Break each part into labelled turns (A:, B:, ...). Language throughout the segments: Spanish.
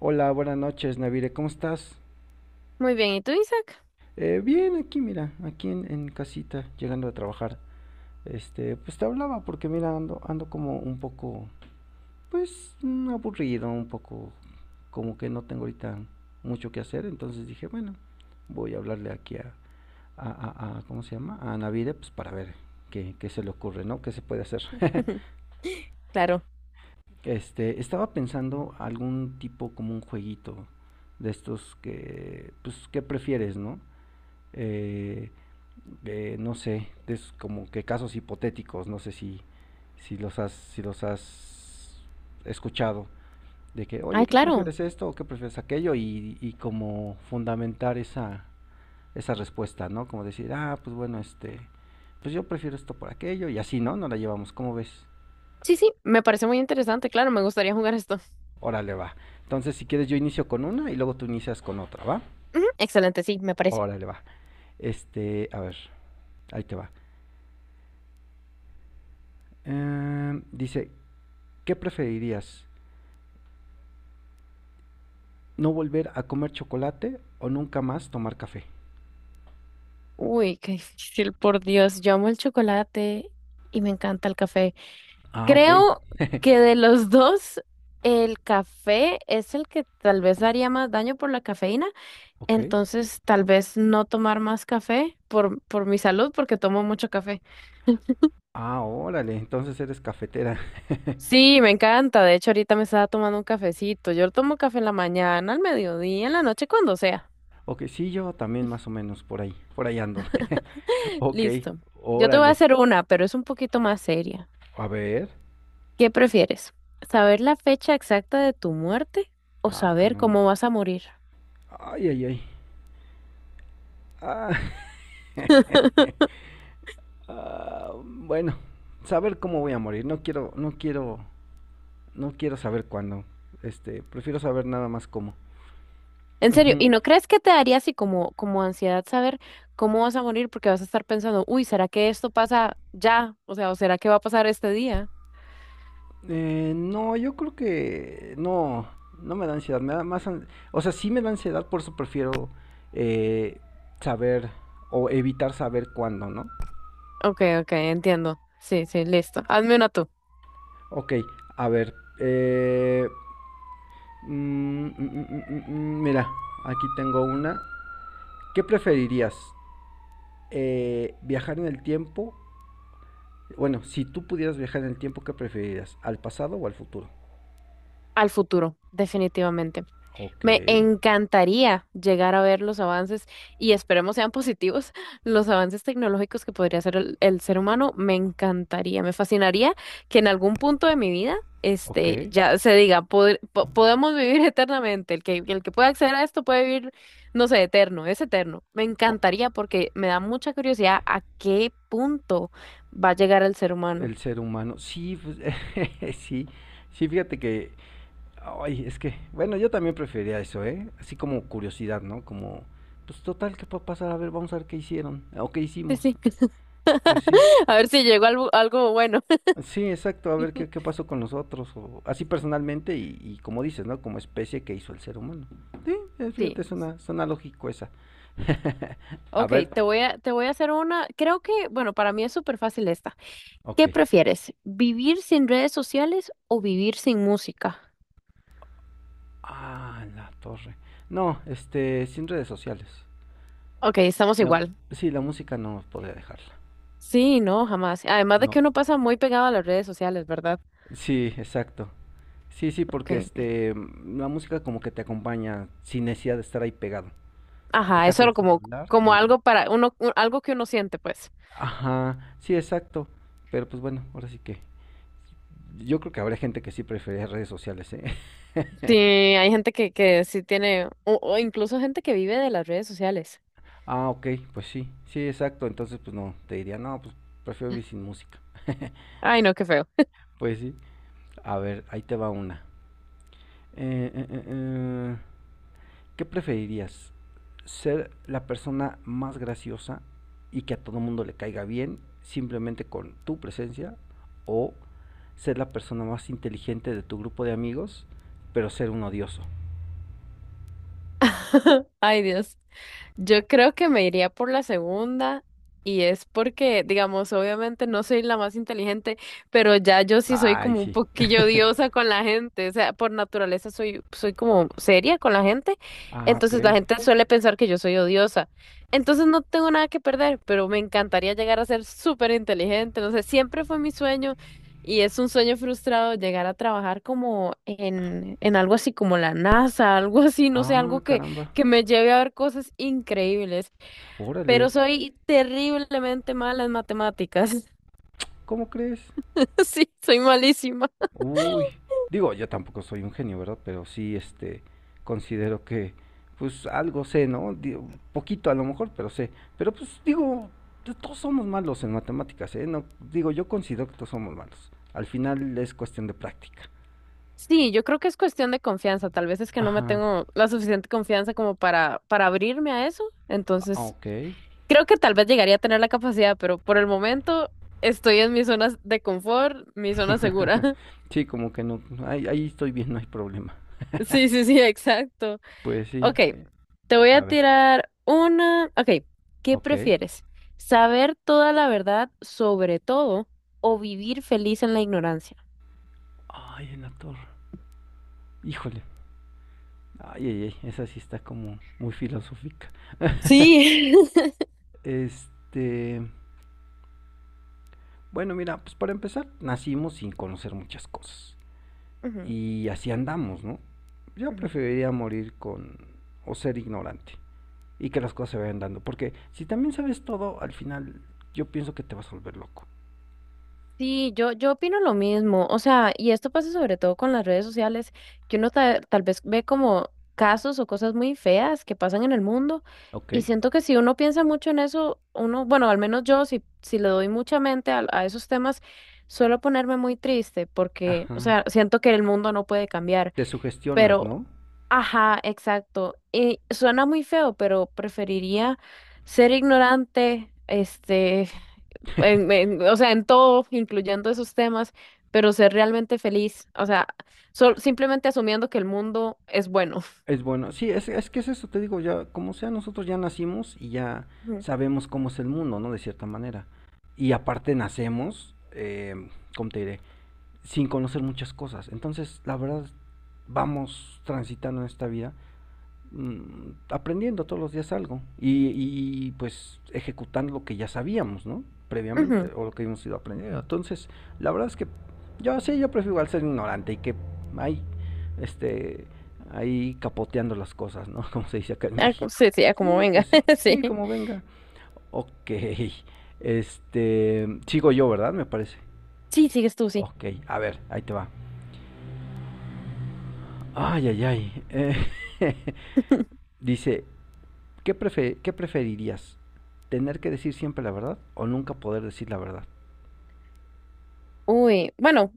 A: Hola, buenas noches, Navire, ¿cómo estás?
B: Muy bien, ¿y tú, Isaac?
A: Bien, aquí, mira, aquí en casita, llegando a trabajar. Este, pues te hablaba porque, mira, ando como un poco, pues, aburrido, un poco, como que no tengo ahorita mucho que hacer. Entonces dije, bueno, voy a hablarle aquí ¿cómo se llama? A Navire, pues para ver qué se le ocurre, ¿no? ¿Qué se puede hacer?
B: Claro.
A: Este, estaba pensando algún tipo como un jueguito de estos que, pues, ¿qué prefieres, no? eh, no sé, es como que casos hipotéticos, no sé si los has escuchado, de que, oye,
B: Ay,
A: ¿qué
B: claro.
A: prefieres esto o qué prefieres aquello? Y como fundamentar esa respuesta, ¿no? Como decir, ah, pues bueno, este, pues yo prefiero esto por aquello y así, ¿no? No la llevamos, ¿cómo ves?
B: Sí, sí, me parece muy interesante, claro, me gustaría jugar esto.
A: Órale, va. Entonces, si quieres, yo inicio con una y luego tú inicias con otra, ¿va?
B: Ujú, excelente, sí, me parece.
A: Órale, va. Este, a ver, ahí te va. Dice, ¿qué preferirías? No volver a comer chocolate o nunca más tomar café.
B: Uy, qué difícil, por Dios. Yo amo el chocolate y me encanta el café.
A: Ah, ok.
B: Creo que de los dos, el café es el que tal vez haría más daño por la cafeína.
A: Ok.
B: Entonces, tal vez no tomar más café por mi salud, porque tomo mucho café.
A: Ah, órale, entonces eres cafetera.
B: Sí, me encanta. De hecho, ahorita me estaba tomando un cafecito. Yo tomo café en la mañana, al mediodía, en la noche, cuando sea.
A: Ok, sí, yo también más o menos por ahí. Por ahí ando. Ok,
B: Listo. Yo te voy a
A: órale.
B: hacer una, pero es un poquito más seria.
A: A ver.
B: ¿Qué prefieres? ¿Saber la fecha exacta de tu muerte o
A: Ah,
B: saber
A: caramba.
B: cómo vas a morir?
A: Ay, ay, ay. Ah, ah, bueno, saber cómo voy a morir. No quiero, no quiero, no quiero saber cuándo. Este, prefiero saber nada más cómo.
B: En serio, ¿y
A: Ujú.
B: no crees que te daría así como, como ansiedad saber cómo vas a morir? Porque vas a estar pensando, uy, ¿será que esto pasa ya? O sea, ¿o será que va a pasar este día?
A: No, yo creo que no, no me da ansiedad, me da más, o sea, sí me da ansiedad, por eso prefiero eh, saber o evitar saber cuándo, ¿no?
B: Ok, ok, entiendo. Sí, sí, listo. Hazme una tú.
A: Ok, a ver, eh, mira, aquí tengo una. ¿Qué preferirías? ¿Viajar en el tiempo? Bueno, si tú pudieras viajar en el tiempo, ¿qué preferirías? ¿Al pasado o al futuro?
B: Al futuro, definitivamente.
A: Ok,
B: Me encantaría llegar a ver los avances y esperemos sean positivos los avances tecnológicos que podría hacer el ser humano. Me encantaría, me fascinaría que en algún punto de mi vida,
A: ok.
B: ya se diga, podemos vivir eternamente. El que pueda acceder a esto puede vivir, no sé, eterno, es eterno. Me encantaría porque me da mucha curiosidad a qué punto va a llegar el ser humano.
A: El ser humano. Sí, pues, sí, sí, fíjate que, ay, es que, bueno, yo también prefería eso, ¿eh? Así como curiosidad, ¿no? Como, pues total, ¿qué puede pasar? A ver, vamos a ver qué hicieron o qué hicimos.
B: Sí, sí.
A: Pues sí,
B: A ver si llegó algo, algo bueno.
A: sí, exacto, a ver qué pasó con nosotros, o así personalmente y como dices, ¿no? Como especie que hizo el ser humano. Sí, fíjate,
B: Sí.
A: suena lógico esa. A
B: Ok,
A: ver,
B: te voy a hacer una, creo que, bueno, para mí es súper fácil esta.
A: ok.
B: ¿Qué prefieres? ¿Vivir sin redes sociales o vivir sin música?
A: Ah, la torre. No, este, sin redes sociales.
B: Ok, estamos
A: La,
B: igual.
A: sí, la música no podría dejarla.
B: Sí, no, jamás. Además de
A: No.
B: que uno pasa muy pegado a las redes sociales, ¿verdad?
A: Sí, exacto. Sí, sí, porque
B: Okay.
A: este, la música como que te acompaña sin necesidad de estar ahí pegado.
B: Ajá,
A: Dejas
B: eso era
A: el
B: como,
A: celular
B: como
A: y...
B: algo para uno, algo que uno siente, pues.
A: Ajá, sí, exacto. Pero pues bueno, ahora sí que... Yo creo que habrá gente que sí prefiere redes sociales, ¿eh?
B: Sí, hay gente que sí tiene, o incluso gente que vive de las redes sociales.
A: Ah, ok, pues sí, sí, exacto. Entonces, pues no, te diría, no, pues prefiero vivir sin música.
B: Ay, no, qué feo.
A: Pues sí. A ver, ahí te va una. Eh, eh, eh, eh, ¿Qué preferirías? ¿Ser la persona más graciosa y que a todo mundo le caiga bien simplemente con tu presencia? ¿O ser la persona más inteligente de tu grupo de amigos, pero ser un odioso?
B: Ay, Dios. Yo creo que me iría por la segunda y es porque, digamos, obviamente no soy la más inteligente, pero ya yo sí soy
A: Ay,
B: como un
A: sí.
B: poquillo diosa con la gente, o sea, por naturaleza soy como seria con la gente,
A: Ah, ok.
B: entonces la gente suele pensar que yo soy odiosa, entonces no tengo nada que perder, pero me encantaría llegar a ser súper inteligente, no sé, siempre fue mi sueño y es un sueño frustrado llegar a trabajar como en algo así como la NASA, algo así, no sé, algo
A: Ah,
B: que
A: caramba.
B: que me lleve a ver cosas increíbles,
A: Órale.
B: pero soy terriblemente mala en matemáticas.
A: ¿Cómo crees?
B: Sí, soy malísima.
A: Uy, digo, yo tampoco soy un genio, ¿verdad? Pero sí, este, considero que, pues algo sé, ¿no? Digo, poquito a lo mejor, pero sé. Pero pues digo, todos somos malos en matemáticas, ¿eh? No, digo, yo considero que todos somos malos. Al final es cuestión de práctica.
B: Sí, yo creo que es cuestión de confianza. Tal vez es que no me
A: Ajá,
B: tengo la suficiente confianza como para abrirme a eso.
A: ah,
B: Entonces,
A: ok.
B: creo que tal vez llegaría a tener la capacidad, pero por el momento estoy en mi zona de confort, mi zona segura.
A: Sí, como que no, ahí estoy bien, no hay problema.
B: Sí, sí, sí, exacto.
A: Pues sí,
B: Ok, te voy a
A: a ver,
B: tirar una. Ok, ¿qué
A: ok.
B: prefieres? ¿Saber toda la verdad sobre todo o vivir feliz en la ignorancia?
A: Ay, en la torre, híjole. Ay, ay, ay, esa sí está como muy filosófica.
B: Sí.
A: Este, bueno, mira, pues para empezar, nacimos sin conocer muchas cosas.
B: Ujú,
A: Y así andamos, ¿no? Yo
B: ujú.
A: preferiría morir con o ser ignorante y que las cosas se vayan dando, porque si también sabes todo, al final yo pienso que te vas a volver loco.
B: Sí, yo opino lo mismo, o sea, y esto pasa sobre todo con las redes sociales, que uno tal vez ve como casos o cosas muy feas que pasan en el mundo,
A: Ok.
B: y siento que si uno piensa mucho en eso, uno, bueno, al menos yo, si le doy mucha mente a esos temas, suelo ponerme muy triste, porque, o
A: Ajá.
B: sea, siento que el mundo no puede cambiar,
A: Te sugestionas,
B: pero,
A: ¿no?
B: ajá, exacto, y suena muy feo, pero preferiría ser ignorante, o sea, en todo, incluyendo esos temas, pero ser realmente feliz, o sea, simplemente asumiendo que el mundo es bueno.
A: Es bueno. Sí, es que es eso, te digo, ya, como sea, nosotros ya nacimos y ya
B: Ujú.
A: sabemos cómo es el mundo, ¿no? De cierta manera. Y aparte nacemos, ¿cómo te diré? Sin conocer muchas cosas. Entonces, la verdad, vamos transitando en esta vida aprendiendo todos los días algo y, pues ejecutando lo que ya sabíamos, ¿no? Previamente
B: Ujú.
A: o lo que hemos ido aprendiendo. Entonces, la verdad es que yo sí, yo prefiero al ser ignorante y que hay, este, ahí capoteando las cosas, ¿no? Como se dice acá en
B: Ah,
A: México.
B: sí, sí, ah, como
A: Sí, pues
B: venga,
A: sí,
B: sí.
A: sí, como venga. Ok, este, sigo yo, ¿verdad? Me parece.
B: Sí, sigues tú, sí.
A: Ok, a ver, ahí te va. Ay, ay, ay. Dice, ¿qué preferirías? ¿Tener que decir siempre la verdad o nunca poder decir la verdad?
B: Uy, bueno,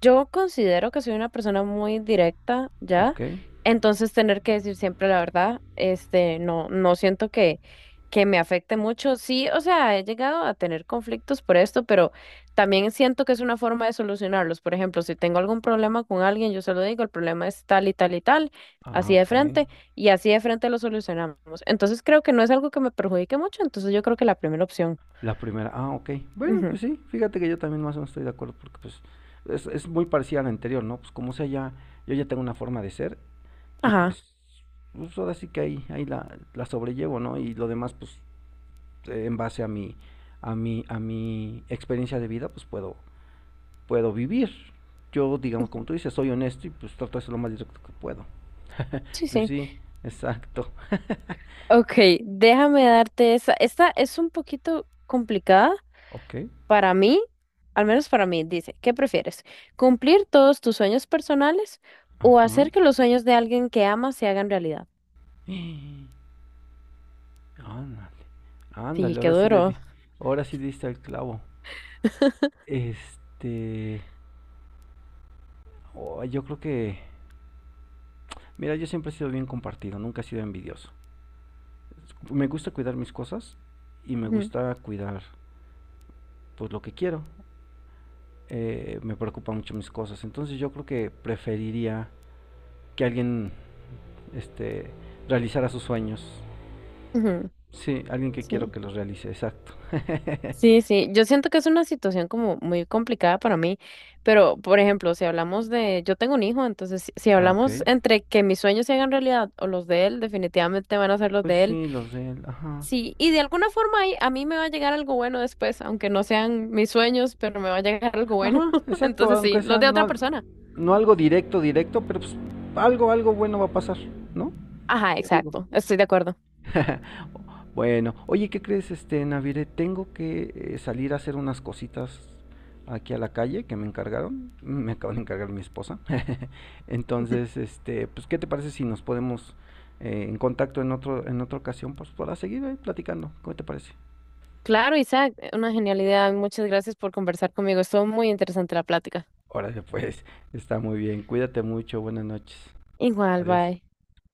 B: yo considero que soy una persona muy directa ya,
A: Ok.
B: entonces tener que decir siempre la verdad, este, no, no siento que me afecte mucho. Sí, o sea, he llegado a tener conflictos por esto, pero también siento que es una forma de solucionarlos. Por ejemplo, si tengo algún problema con alguien, yo se lo digo, el problema es tal y tal y tal,
A: Ah,
B: así de
A: ok.
B: frente, y así de frente lo solucionamos. Entonces creo que no es algo que me perjudique mucho, entonces yo creo que la primera opción.
A: La primera, ah, ok. Bueno,
B: Ujú.
A: pues sí, fíjate que yo también más o menos estoy de acuerdo porque pues es muy parecida a la anterior, ¿no? Pues como sea, ya, yo ya tengo una forma de ser y
B: Ajá.
A: pues ahora sí que ahí la sobrellevo, ¿no? Y lo demás, pues en base a mi, experiencia de vida, pues puedo vivir. Yo, digamos, como
B: Ujú.
A: tú dices, soy honesto y pues trato de ser lo más directo que puedo.
B: Sí,
A: Pues
B: sí.
A: sí, exacto.
B: Ok, déjame darte esa. Esta es un poquito complicada
A: Ok.
B: para mí, al menos para mí. Dice, ¿qué prefieres? ¿Cumplir todos tus sueños personales o
A: Ajá.
B: hacer que los sueños de alguien que amas se hagan realidad?
A: Ándale.
B: Sí,
A: Ándale,
B: qué
A: ahora sí le
B: duro.
A: di. Ahora sí diste al clavo. Este. Oh, yo creo que. Mira, yo siempre he sido bien compartido, nunca he sido envidioso. Me gusta cuidar mis cosas y me
B: Ujú,
A: gusta cuidar pues lo que quiero. Me preocupan mucho mis cosas. Entonces yo creo que preferiría que alguien este, realizará sus sueños.
B: ujú,
A: Sí, alguien que quiero
B: sí.
A: que los realice, exacto.
B: Sí, sí, yo siento que es una situación como muy complicada para mí, pero por ejemplo, si hablamos de, yo tengo un hijo, entonces si
A: Ah, ok.
B: hablamos entre que mis sueños se hagan realidad o los de él, definitivamente van a ser los
A: Pues
B: de él.
A: sí, los de él, ajá.
B: Sí, y de alguna forma ahí a mí me va a llegar algo bueno después, aunque no sean mis sueños, pero me va a llegar algo bueno.
A: Ajá, exacto,
B: Entonces sí,
A: aunque
B: los
A: sea
B: de otra
A: no,
B: persona.
A: no algo directo, directo, pero pues algo bueno va a pasar, ¿no?
B: Ajá,
A: Yo digo.
B: exacto, estoy de acuerdo.
A: Bueno, oye, ¿qué crees, este, Navire? Tengo que salir a hacer unas cositas aquí a la calle que me encargaron. Me acaban de encargar mi esposa. Entonces, este, pues, ¿qué te parece si nos podemos en contacto en otra ocasión, pues, para seguir ahí platicando? ¿Cómo te parece?
B: Claro, Isaac, una genialidad. Muchas gracias por conversar conmigo. Estuvo muy interesante la plática.
A: Órale, pues, está muy bien. Cuídate mucho. Buenas noches.
B: Igual,
A: Adiós.
B: bye.